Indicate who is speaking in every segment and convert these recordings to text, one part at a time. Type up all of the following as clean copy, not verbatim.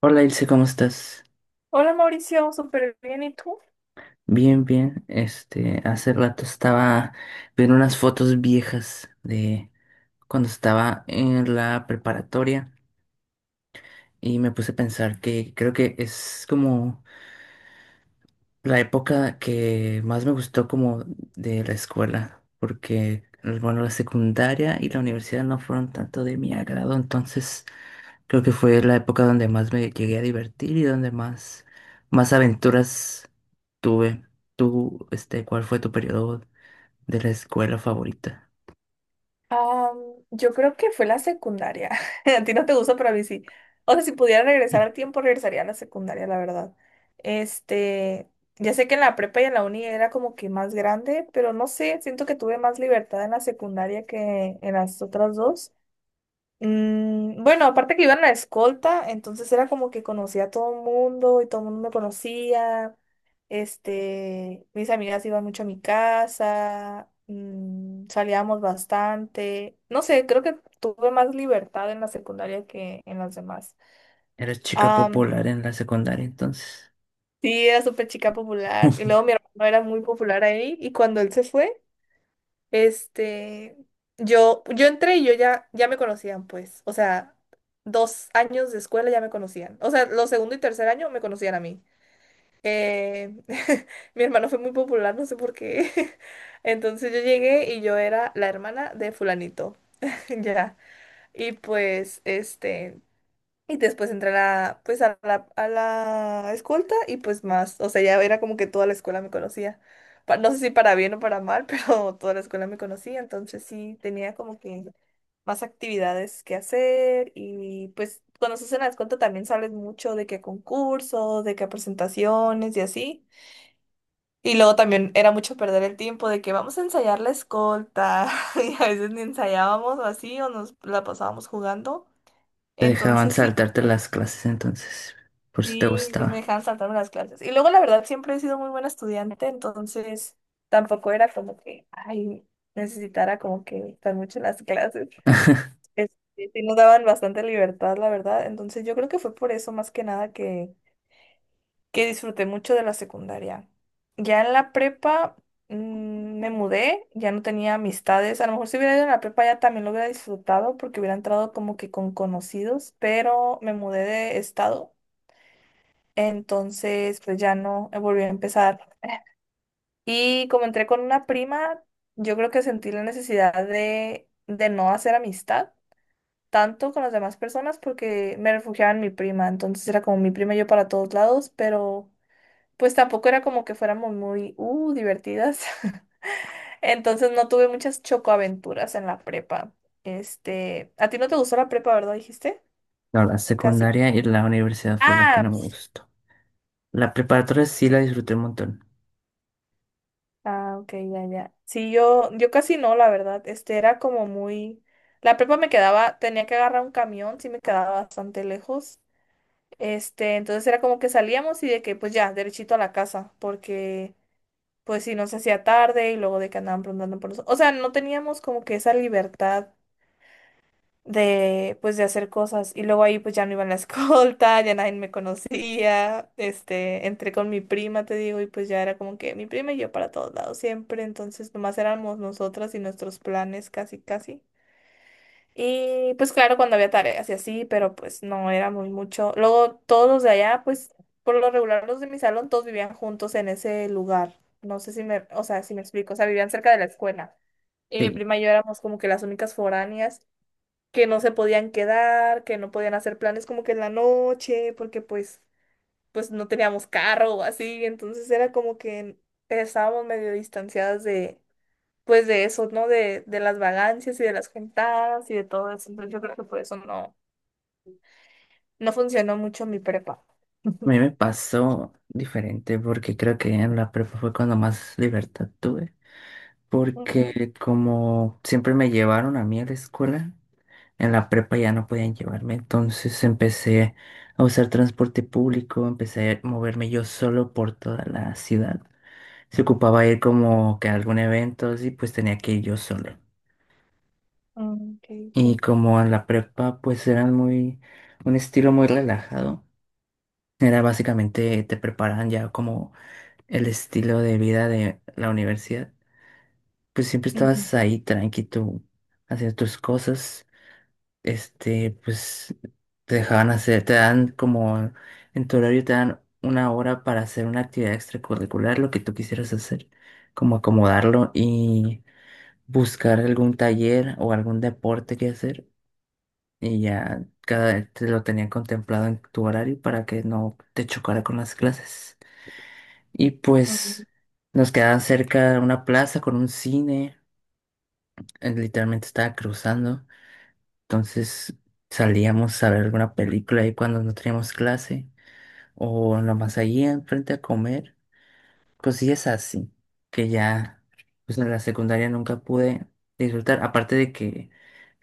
Speaker 1: Hola Ilse, ¿cómo estás?
Speaker 2: Hola Mauricio, súper bien. ¿Y tú?
Speaker 1: Bien, bien. Hace rato estaba viendo unas fotos viejas de cuando estaba en la preparatoria y me puse a pensar que creo que es como la época que más me gustó como de la escuela, porque bueno, la secundaria y la universidad no fueron tanto de mi agrado, entonces creo que fue la época donde más me llegué a divertir y donde más aventuras tuve. ¿Tú, cuál fue tu periodo de la escuela favorita?
Speaker 2: Am, yo creo que fue la secundaria. A ti no te gusta, pero a mí sí. O sea, si pudiera regresar al tiempo, regresaría a la secundaria, la verdad. Este, ya sé que en la prepa y en la uni era como que más grande, pero no sé, siento que tuve más libertad en la secundaria que en las otras dos. Bueno, aparte que iba en la escolta, entonces era como que conocía a todo el mundo y todo el mundo me conocía. Mis amigas iban mucho a mi casa, salíamos bastante. No sé, creo que tuve más libertad en la secundaria que en las demás.
Speaker 1: Eras chica
Speaker 2: Am,
Speaker 1: popular en la secundaria entonces.
Speaker 2: sí, era súper chica popular. Y luego mi hermano era muy popular ahí y cuando él se fue. Este, yo entré y yo ya me conocían, pues. O sea, 2 años de escuela ya me conocían. O sea, los segundo y tercer año me conocían a mí. Eh, Mi hermano fue muy popular, no sé por qué. Entonces yo llegué y yo era la hermana de fulanito. Ya. Y pues, y después entré a la, pues a la escolta y pues más, o sea, ya era como que toda la escuela me conocía. No sé si para bien o para mal, pero toda la escuela me conocía, entonces sí tenía como que más actividades que hacer y pues cuando se hace la escolta también sales mucho de que a concursos, de que a presentaciones y así. Y luego también era mucho perder el tiempo de que vamos a ensayar la escolta y a veces ni ensayábamos o así o nos la pasábamos jugando.
Speaker 1: Te dejaban
Speaker 2: Entonces sí.
Speaker 1: saltarte las clases entonces. Por eso te
Speaker 2: Sí, me
Speaker 1: gustaba.
Speaker 2: dejaban saltarme las clases. Y luego, la verdad, siempre he sido muy buena estudiante, entonces tampoco era como que, ay, necesitara como que estar mucho en las clases. Sí sí nos daban bastante libertad, la verdad. Entonces yo creo que fue por eso más que nada que disfruté mucho de la secundaria. Ya en la prepa me mudé, ya no tenía amistades. A lo mejor si hubiera ido en la prepa ya también lo hubiera disfrutado porque hubiera entrado como que con conocidos, pero me mudé de estado. Entonces, pues ya no volví a empezar. Y como entré con una prima, yo creo que sentí la necesidad de no hacer amistad tanto con las demás personas porque me refugiaba en mi prima. Entonces era como mi prima y yo para todos lados, pero pues tampoco era como que fuéramos muy, divertidas. Entonces no tuve muchas chocoaventuras en la prepa. ¿A ti no te gustó la prepa, verdad? Dijiste,
Speaker 1: No, la
Speaker 2: casi.
Speaker 1: secundaria y la universidad fue la que no
Speaker 2: Ah,
Speaker 1: me gustó. La preparatoria sí la disfruté un montón.
Speaker 2: ah, ok, ya, ya. Sí, yo casi no, la verdad. Este era como muy. La prepa me quedaba, tenía que agarrar un camión, sí me quedaba bastante lejos. Entonces era como que salíamos y de que, pues ya, derechito a la casa, porque, pues sí, nos hacía tarde y luego de que andaban preguntando por nosotros. O sea, no teníamos como que esa libertad de pues de hacer cosas y luego ahí pues ya no iba en la escolta, ya nadie me conocía, entré con mi prima, te digo, y pues ya era como que mi prima y yo para todos lados siempre, entonces nomás éramos nosotras y nuestros planes casi casi. Y pues claro, cuando había tareas y así, pero pues no era muy mucho. Luego todos los de allá, pues por lo regular los de mi salón, todos vivían juntos en ese lugar. No sé si me, o sea, si me explico, o sea, vivían cerca de la escuela. Y mi
Speaker 1: Sí,
Speaker 2: prima y yo éramos como que las únicas foráneas que no se podían quedar, que no podían hacer planes como que en la noche, porque pues, pues no teníamos carro o así, entonces era como que estábamos medio distanciadas de, pues de eso, ¿no? De las vagancias y de las juntadas y de todo eso, entonces yo creo que por eso no, no funcionó mucho mi prepa.
Speaker 1: a mí me pasó diferente porque creo que en la prepa fue cuando más libertad tuve.
Speaker 2: Ujú.
Speaker 1: Porque como siempre me llevaron a mí a la escuela, en la prepa ya no podían llevarme. Entonces empecé a usar transporte público, empecé a moverme yo solo por toda la ciudad. Se ocupaba ir como que a algún evento y pues tenía que ir yo solo.
Speaker 2: Mm, ok,
Speaker 1: Y
Speaker 2: ok.
Speaker 1: como en la prepa pues eran muy, un estilo muy relajado. Era básicamente te preparan ya como el estilo de vida de la universidad. Pues siempre
Speaker 2: Ujú,
Speaker 1: estabas ahí tranqui tú haciendo tus cosas. Pues te dejaban hacer, te dan como en tu horario te dan una hora para hacer una actividad extracurricular, lo que tú quisieras hacer, como acomodarlo y buscar algún taller o algún deporte que hacer. Y ya cada te lo tenían contemplado en tu horario para que no te chocara con las clases. Y
Speaker 2: ujú.
Speaker 1: pues nos quedaba cerca una plaza con un cine, literalmente estaba cruzando, entonces salíamos a ver alguna película ahí cuando no teníamos clase o nomás allí enfrente a comer cosillas así, que ya pues en la secundaria nunca pude disfrutar, aparte de que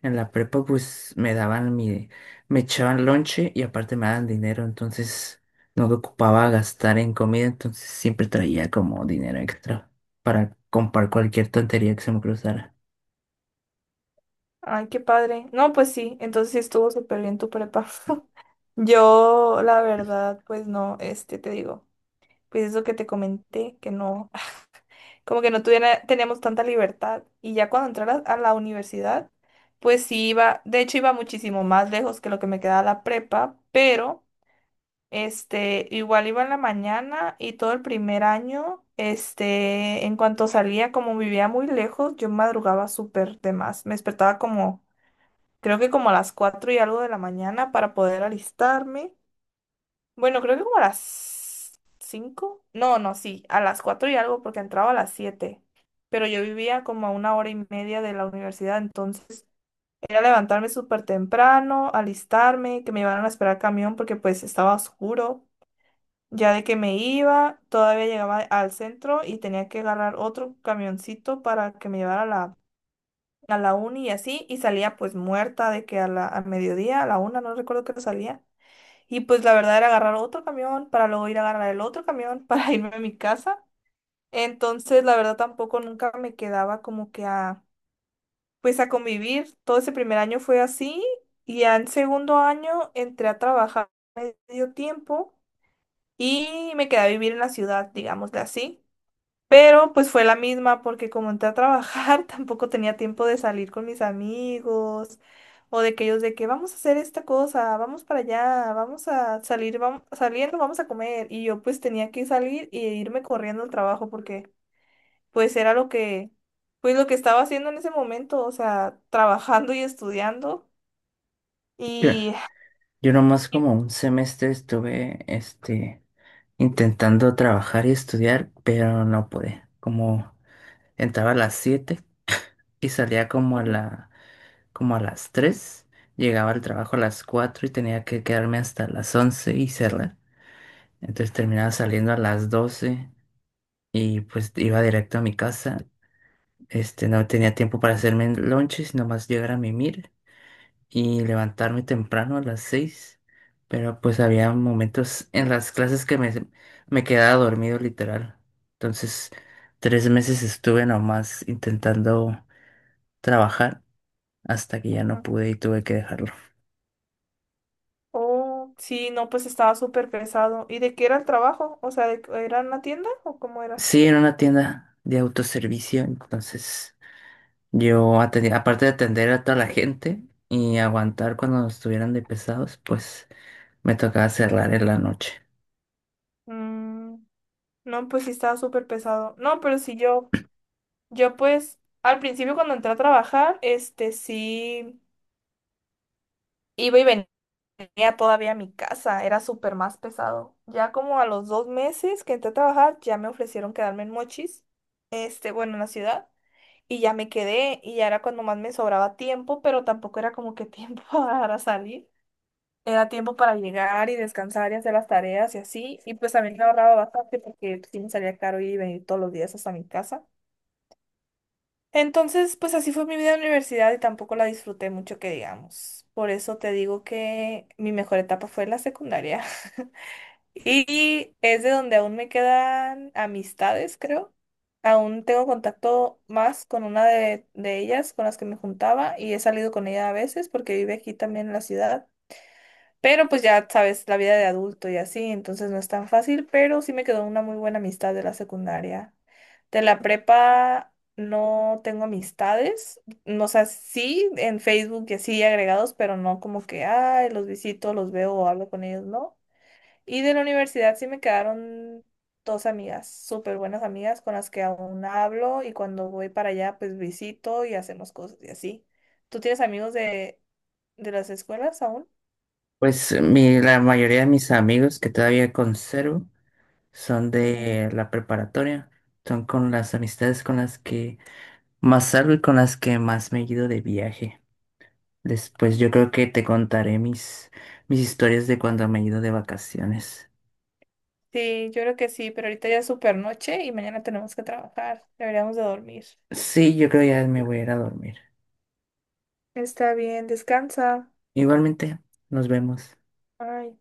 Speaker 1: en la prepa pues me daban me echaban lonche y aparte me daban dinero, entonces no me ocupaba gastar en comida, entonces siempre traía como dinero extra para comprar cualquier tontería que se me cruzara.
Speaker 2: Ay, qué padre. No, pues sí, entonces sí estuvo súper bien tu prepa. Yo, la verdad, pues no, te digo. Pues eso que te comenté, que no, como que no tuviera, teníamos tanta libertad. Y ya cuando entré a la, universidad, pues sí iba, de hecho iba muchísimo más lejos que lo que me quedaba la prepa, pero igual iba en la mañana y todo el primer año, en cuanto salía, como vivía muy lejos, yo madrugaba súper de más. Me despertaba como, creo que como a las cuatro y algo de la mañana para poder alistarme. Bueno, creo que como a las cinco. No, no, sí, a las 4 y algo porque entraba a las siete. Pero yo vivía como a una hora y media de la universidad, entonces era levantarme súper temprano, alistarme, que me iban a esperar camión porque pues estaba oscuro. Ya de que me iba, todavía llegaba al centro y tenía que agarrar otro camioncito para que me llevara a la uni y así, y salía pues muerta de que a mediodía, a la una, no recuerdo que salía. Y pues la verdad era agarrar otro camión para luego ir a agarrar el otro camión para irme a mi casa. Entonces la verdad tampoco nunca me quedaba como que a, pues a convivir. Todo ese primer año fue así y ya en segundo año entré a trabajar medio tiempo y me quedé a vivir en la ciudad, digámosle así. Pero pues fue la misma porque como entré a trabajar, tampoco tenía tiempo de salir con mis amigos o de que ellos de que vamos a hacer esta cosa, vamos para allá, vamos a salir, vamos saliendo, vamos a comer. Y yo pues tenía que salir y irme corriendo al trabajo porque pues era lo que, pues lo que estaba haciendo en ese momento, o sea, trabajando y estudiando.
Speaker 1: Yo,
Speaker 2: Y...
Speaker 1: yo nomás
Speaker 2: y-
Speaker 1: como un semestre estuve intentando trabajar y estudiar, pero no pude, como entraba a las 7 y salía
Speaker 2: ujú,
Speaker 1: como a las 3, llegaba al trabajo a las 4 y tenía que quedarme hasta las 11 y cerrar. Entonces terminaba saliendo a las 12 y pues iba directo a mi casa. No tenía tiempo para hacerme el lonche, sino más llegar a mimir y levantarme temprano a las 6. Pero pues había momentos en las clases que me quedaba dormido literal. Entonces, 3 meses estuve nomás intentando trabajar hasta que ya
Speaker 2: ujú.
Speaker 1: no pude y tuve que dejarlo.
Speaker 2: Oh, sí, no, pues estaba súper pesado. ¿Y de qué era el trabajo? O sea, ¿era en la tienda o cómo era?
Speaker 1: Sí, en una tienda de autoservicio, entonces yo atendía, aparte de atender a toda la gente y aguantar cuando estuvieran de pesados, pues me tocaba cerrar en la noche.
Speaker 2: Mm, no, pues sí estaba súper pesado. No, pero sí yo, pues al principio cuando entré a trabajar, sí iba y venía todavía a mi casa, era súper más pesado. Ya como a los 2 meses que entré a trabajar, ya me ofrecieron quedarme en Mochis, bueno, en la ciudad, y ya me quedé y ya era cuando más me sobraba tiempo, pero tampoco era como que tiempo para salir. Era tiempo para llegar y descansar y hacer las tareas y así. Y pues también me ahorraba bastante porque sí me salía caro ir y venir todos los días hasta mi casa. Entonces, pues así fue mi vida en la universidad y tampoco la disfruté mucho, que digamos. Por eso te digo que mi mejor etapa fue la secundaria. Y es de donde aún me quedan amistades, creo. Aún tengo contacto más con una de, ellas con las que me juntaba y he salido con ella a veces porque vive aquí también en la ciudad. Pero pues ya sabes, la vida de adulto y así, entonces no es tan fácil, pero sí me quedó una muy buena amistad de la secundaria. De la prepa no tengo amistades, no, o sea, sí en Facebook y así agregados, pero no como que, ay, los visito, los veo o hablo con ellos, no. Y de la universidad sí me quedaron dos amigas, súper buenas amigas con las que aún hablo y cuando voy para allá pues visito y hacemos cosas y así. ¿Tú tienes amigos de, las escuelas aún?
Speaker 1: Pues la mayoría de mis amigos que todavía conservo son de la preparatoria, son con las amistades con las que más salgo y con las que más me he ido de viaje. Después yo creo que te contaré mis historias de cuando me he ido de vacaciones.
Speaker 2: Sí, yo creo que sí, pero ahorita ya es super noche y mañana tenemos que trabajar. Deberíamos de dormir.
Speaker 1: Sí, yo creo ya me voy a ir a dormir.
Speaker 2: Está bien, descansa.
Speaker 1: Igualmente, nos vemos.
Speaker 2: Bye.